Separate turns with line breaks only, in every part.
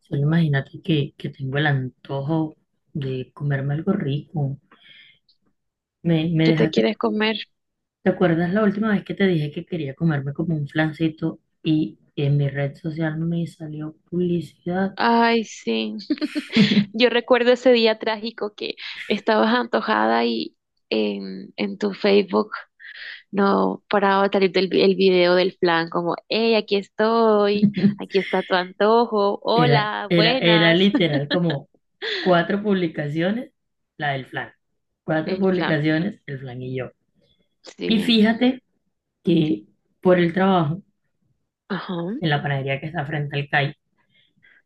Solo imagínate que tengo el antojo de comerme algo rico. Me
¿Qué te
dejaste.
quieres comer?
¿Te acuerdas la última vez que te dije que quería comerme como un flancito y en mi red social me salió publicidad?
Ay, sí. Yo recuerdo ese día trágico que estabas antojada y en tu Facebook no paraba de salir el video del flan, como, hey, aquí estoy, aquí está tu antojo,
Era,
hola,
era, era
buenas.
literal como cuatro publicaciones, la del flan. Cuatro
El flan,
publicaciones, el flan y yo. Y
sí.
fíjate que por el trabajo,
Ajá.
en la panadería que está frente al CAI,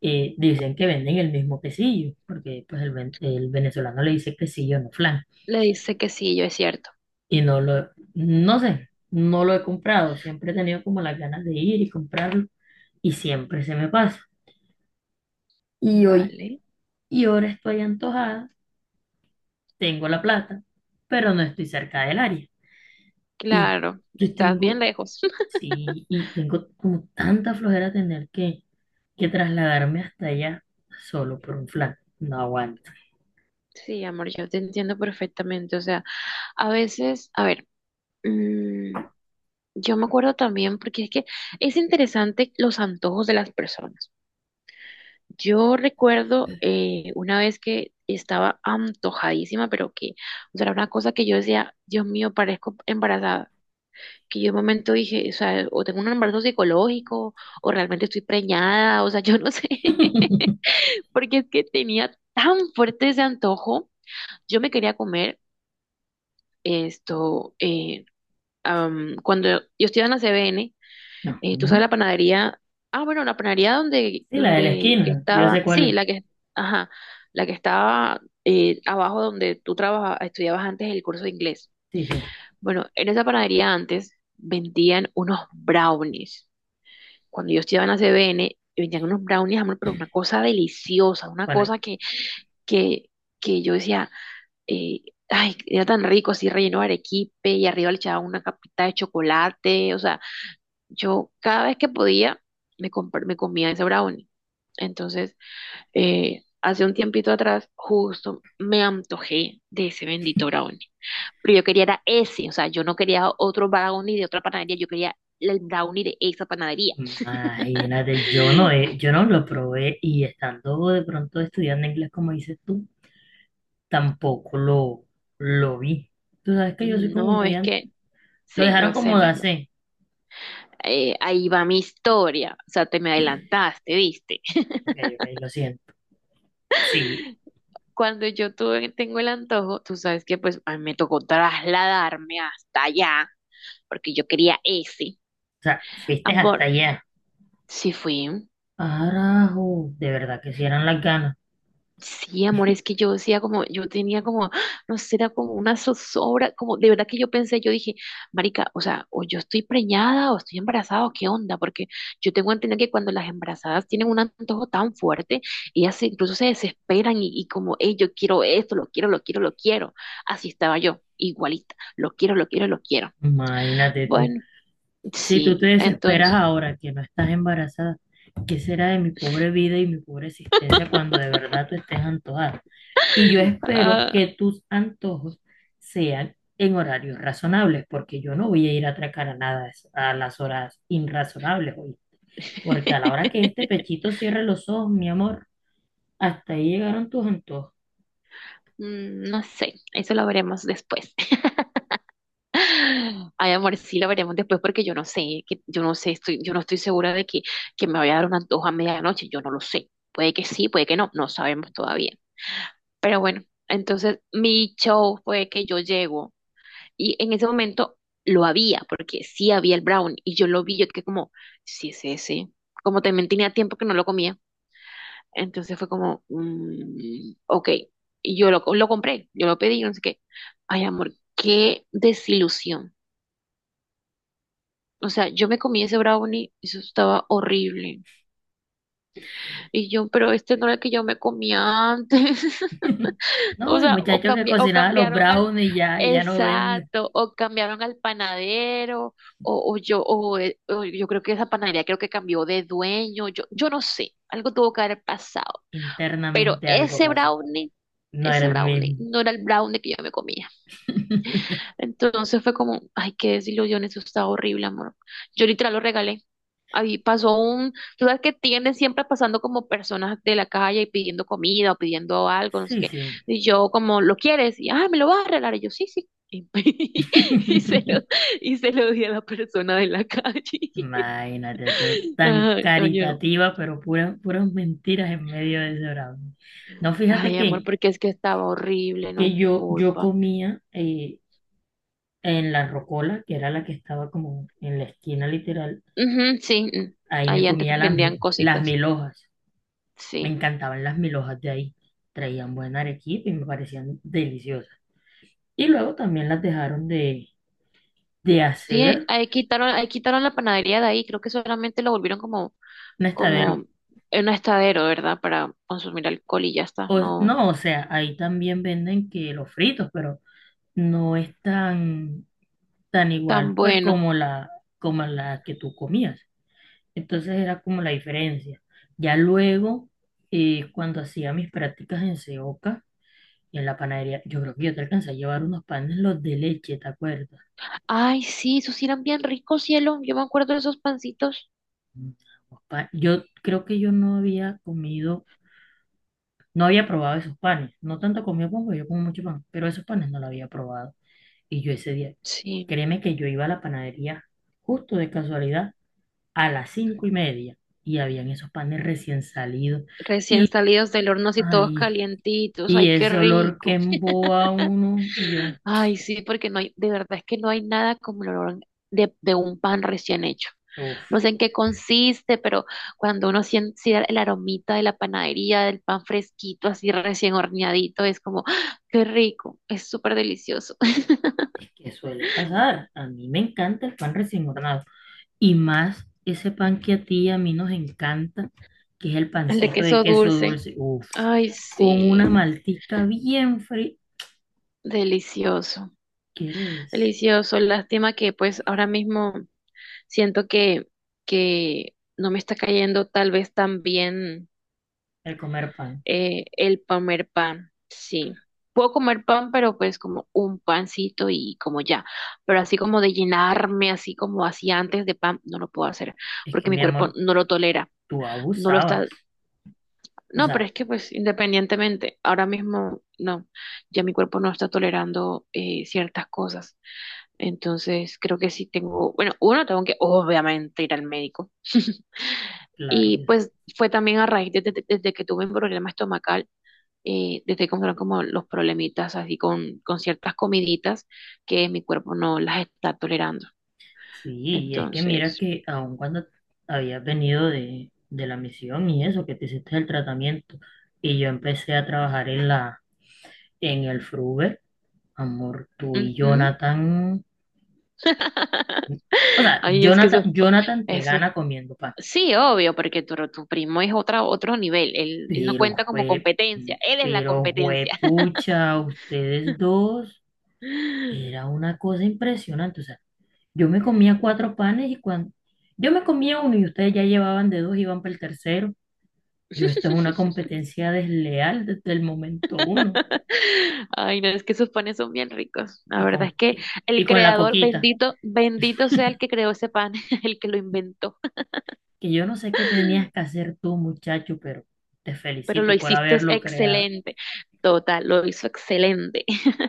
dicen que venden el mismo quesillo, porque pues el venezolano le dice quesillo, no flan.
Le dice que sí, yo es cierto.
Y no sé, no lo he comprado, siempre he tenido como las ganas de ir y comprarlo y siempre se me pasa. Y hoy,
Vale.
y ahora estoy antojada, tengo la plata, pero no estoy cerca del área. Y
Claro,
yo
estás bien
tengo,
lejos.
sí, y tengo como tanta flojera tener que trasladarme hasta allá solo por un flan. No aguanto.
Sí, amor, yo te entiendo perfectamente. O sea, a veces, a ver. mm, Yo me acuerdo también, porque es que es interesante los antojos de las personas. Yo recuerdo una vez que estaba antojadísima, pero que, o sea, era una cosa que yo decía, Dios mío, parezco embarazada. Que yo en un momento dije, o sea, o tengo un embarazo psicológico, o realmente estoy preñada, o sea, yo no sé, porque es que tenía tan fuerte ese antojo. Yo me quería comer esto, cuando yo estudiaba en la CBN, tú sabes
No.
la panadería, ah, bueno, la panadería donde,
Sí, la de la
donde que
esquina, yo sé
estaba,
cuál
sí,
es.
la que, ajá, la que estaba abajo donde estudiabas antes el curso de inglés.
Sí, sí.
Bueno, en esa panadería antes vendían unos brownies. Cuando yo estudiaba en la CBN, vendían unos brownies, amor, pero una cosa deliciosa, una
Bueno,
cosa que, que yo decía, eh, ay, era tan rico, así relleno de arequipe y arriba le echaban una capita de chocolate, o sea, yo cada vez que podía me comía ese brownie. Entonces, hace un tiempito atrás, justo me antojé de ese bendito brownie. Pero yo quería era ese, o sea, yo no quería otro brownie de otra panadería, yo quería el brownie de esa panadería.
imagínate, yo no lo probé y estando de pronto estudiando inglés como dices tú, tampoco lo vi. Tú sabes que yo soy como
No,
muy
es que,
anti. Lo
sí,
dejaron
yo sé,
como de
mi amor.
hacer.
Ahí va mi historia, o sea, te me adelantaste, ¿viste?
Ok, ok, lo siento. Sí,
Tengo el antojo, tú sabes que pues a mí me tocó trasladarme hasta allá porque yo quería ese.
o sea, fuiste hasta
Amor,
allá.
sí fui.
Ah, carajo, de verdad que si eran las ganas.
Sí, amor, es que yo decía como, yo tenía como, no sé, era como una zozobra, como de verdad que yo pensé, yo dije, marica, o sea, o yo estoy preñada o estoy embarazada, o qué onda, porque yo tengo que entender que cuando las embarazadas tienen un antojo tan fuerte, incluso se desesperan y como, hey, yo quiero esto, lo quiero, lo quiero, lo quiero. Así estaba yo, igualita, lo quiero, lo quiero, lo quiero.
Imagínate tú.
Bueno,
Si tú
sí,
te desesperas
entonces,
ahora que no estás embarazada, ¿qué será de mi pobre vida y mi pobre existencia cuando de verdad tú estés antojada? Y yo espero
ah.
que tus antojos sean en horarios razonables, porque yo no voy a ir a atracar a nada a las horas irrazonables hoy. Porque a la hora que este pechito cierre los ojos, mi amor, hasta ahí llegaron tus antojos.
Mm, no sé, eso lo veremos después. Ay, amor, sí lo veremos después porque yo no sé, que yo no sé, estoy, yo no estoy segura de que me vaya a dar un antojo a medianoche, yo no lo sé. Puede que sí, puede que no, no sabemos todavía. Pero bueno, entonces mi show fue que yo llego y en ese momento lo había, porque sí había el brown y yo lo vi, yo que como, sí es ese, como también tenía tiempo que no lo comía. Entonces fue como, ok, y lo compré, yo lo pedí, no sé qué. Ay, amor, qué desilusión. O sea, yo me comí ese brownie, eso estaba horrible. Y yo, pero este no era el que yo me comía antes.
No, el muchacho que
O
cocinaba los
cambiaron al,
brownies ya no ven
exacto, o cambiaron al panadero, o yo creo que esa panadería creo que cambió de dueño, yo no sé, algo tuvo que haber pasado. Pero
internamente algo pasó. No era
ese
el
brownie
mismo.
no era el brownie que yo me comía. Entonces fue como, ay, qué desilusión, eso está horrible, amor. Yo literal lo regalé. Tú sabes que tienden siempre pasando como personas de la calle y pidiendo comida o pidiendo algo, no sé
Sí,
qué.
sí.
Y yo como, ¿lo quieres? Y, ay, ¿me lo vas a regalar? Y yo, sí, sí. Y, y se lo, y se lo di a la persona de la calle.
Imagínate, tú tan
Ay, ay, am-
caritativa, pero puras, puras mentiras en medio de ese brownie. No, fíjate
ay, amor,
que,
porque es que estaba horrible, no es
que
mi
yo
culpa.
comía en la rocola, que era la que estaba como en la esquina literal,
Ujú, sí, mm,
ahí me
ahí antes
comía las,
vendían
mi- las
cositas.
mil hojas. Me
Sí.
encantaban las mil hojas de ahí. Traían buena arequipe y me parecían deliciosas. Y luego también las dejaron de
Sí,
hacer
ahí quitaron la panadería de ahí, creo que solamente lo volvieron como, como
nestaderos.
un estadero, ¿verdad? Para consumir alcohol y ya está,
O,
no
no, o sea, ahí también venden que los fritos, pero no es tan igual,
tan
pues
bueno.
como como la que tú comías. Entonces era como la diferencia. Ya luego, cuando hacía mis prácticas en Seoca, en la panadería, yo creo que yo te alcancé a llevar unos panes, los de leche, ¿te acuerdas?
Ay, sí, esos sí eran bien ricos, cielo. Yo me acuerdo de esos pancitos.
Mm, Yo creo que yo no había comido, no había probado esos panes, no tanto comía pan, porque yo como mucho pan, pero esos panes no los había probado. Y yo ese día,
Sí,
créeme que yo iba a la panadería justo de casualidad a las 5:30 y habían esos panes recién salidos
recién
y,
salidos del horno así todos
ay,
calientitos.
y
Ay, qué
ese olor que
rico.
emboba a uno y yo,
Ay, sí, porque no hay, de verdad es que no hay nada como el olor de un pan recién hecho.
uff,
No sé en qué consiste, pero cuando uno siente el aromita de la panadería, del pan fresquito, así recién horneadito, es como, ¡ah! Qué rico, es súper delicioso.
es que suele pasar. A mí me encanta el pan recién hornado y más ese pan que a ti y a mí nos encanta, que es el
El de
pancito de
queso
queso
dulce,
dulce, uff,
ay,
con
sí,
una maltica bien fría.
delicioso,
¿Quieres
delicioso. Lástima que pues ahora mismo siento que no me está cayendo tal vez tan bien.
el comer pan?
El comer pan, sí. Puedo comer pan, pero pues como un pancito y como ya. Pero así como de llenarme, así como hacía antes de pan, no lo puedo hacer,
Es que
porque mi
mi
cuerpo
amor,
no lo tolera,
tú
no lo está.
abusabas. O
No, pero
sea,
es que pues independientemente, ahora mismo no, ya mi cuerpo no está tolerando ciertas cosas. Entonces creo que sí tengo, bueno, uno tengo que obviamente ir al médico.
claro
Y
que
pues fue también a raíz desde que tuve un problema estomacal te estoy encontrando como los problemitas así con ciertas comiditas que mi cuerpo no las está tolerando.
sí, y es que mira
Entonces,
que aun cuando habías venido de la misión y eso, que te hiciste el tratamiento, y yo empecé a trabajar en en el Fruber, amor, tú y
ujú.
Jonathan, o sea,
Ay, es que
Jonathan,
eso,
Jonathan te
eso,
gana comiendo pan,
sí, obvio, porque tu primo es otro nivel, él no
pero
cuenta como
fue,
competencia, él es la
pero fue
competencia.
pucha, ustedes dos, era una cosa impresionante, o sea, yo me comía cuatro panes y yo me comía uno y ustedes ya llevaban de dos, iban para el tercero. Yo, esto es una competencia desleal desde el momento uno.
Ay, no, es que esos panes son bien ricos. La
Y
verdad
con,
es que
y, y
el
con la
creador,
coquita,
bendito, bendito sea el que creó ese pan, el que lo inventó.
que yo no sé qué tenías que hacer tú, muchacho, pero te
Pero lo
felicito por
hiciste
haberlo creado.
excelente. Total, lo hizo excelente.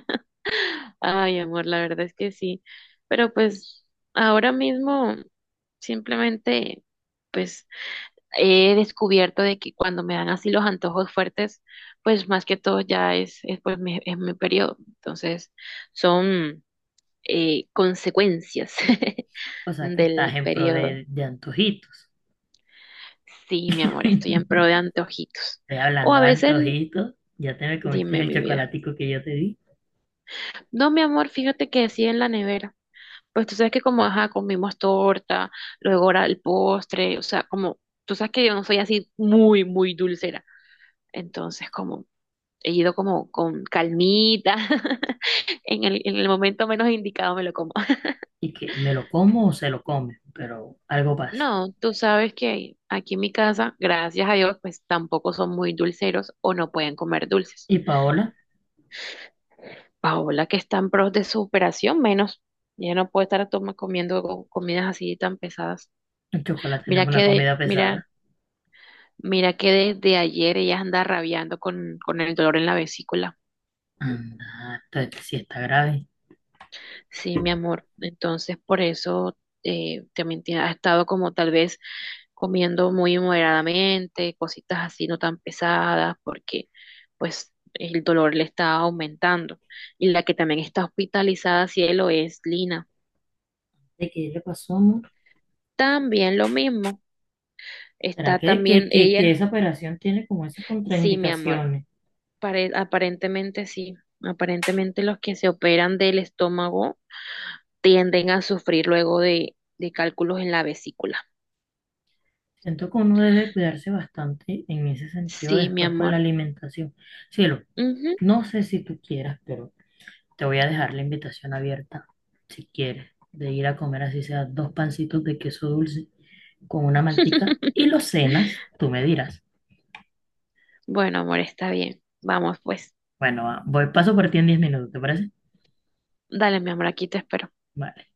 Ay, amor, la verdad es que sí. Pero pues ahora mismo simplemente pues he descubierto de que cuando me dan así los antojos fuertes, pues más que todo ya pues mi, es mi periodo. Entonces son consecuencias
O sea, que estás
del
en pro
periodo.
de antojitos.
Sí, mi amor, estoy en
Ve
pro de antojitos. O
hablando
a
de
veces,
antojitos, ya te me comiste
dime
el
mi vida.
chocolatico que yo te di.
No, mi amor, fíjate que sí en la nevera. Pues tú sabes que como, ajá, comimos torta, luego ahora el postre, o sea, como, tú sabes que yo no soy así muy dulcera. Entonces, como, he ido como con calmita, en el momento menos indicado me lo como.
Y que me lo como o se lo come, pero algo pasa.
No, tú sabes que aquí en mi casa, gracias a Dios, pues tampoco son muy dulceros o no pueden comer dulces.
Y Paola,
Paola, que está en pros de su operación, menos. Ya no puede estar comiendo comidas así tan pesadas.
el chocolate no es
Mira que
una
de,
comida
mira,
pesada.
mira que desde ayer ella anda rabiando con el dolor en la vesícula.
Anda, entonces sí está grave.
Sí, mi amor. Entonces, por eso ha estado como tal vez comiendo muy moderadamente, cositas así no tan pesadas, porque pues el dolor le está aumentando. Y la que también está hospitalizada, cielo, es Lina.
¿De qué le pasó, amor?
También lo mismo.
¿Será
Está
que, que,
también
que, que
ella.
esa operación tiene como esas
Sí, mi amor.
contraindicaciones?
Aparentemente sí. Aparentemente los que se operan del estómago tienden a sufrir luego de cálculos en la vesícula.
Siento que uno debe cuidarse bastante en ese sentido
Sí, mi
después con la
amor.
alimentación. Cielo,
Ujú.
no sé si tú quieras, pero te voy a dejar la invitación abierta, si quieres, de ir a comer así sea dos pancitos de queso dulce con una mantica y los cenas, tú me dirás.
Bueno, amor, está bien. Vamos, pues.
Bueno, va, voy paso por ti en 10 minutos, ¿te parece?
Dale, mi amor, aquí te espero.
Vale.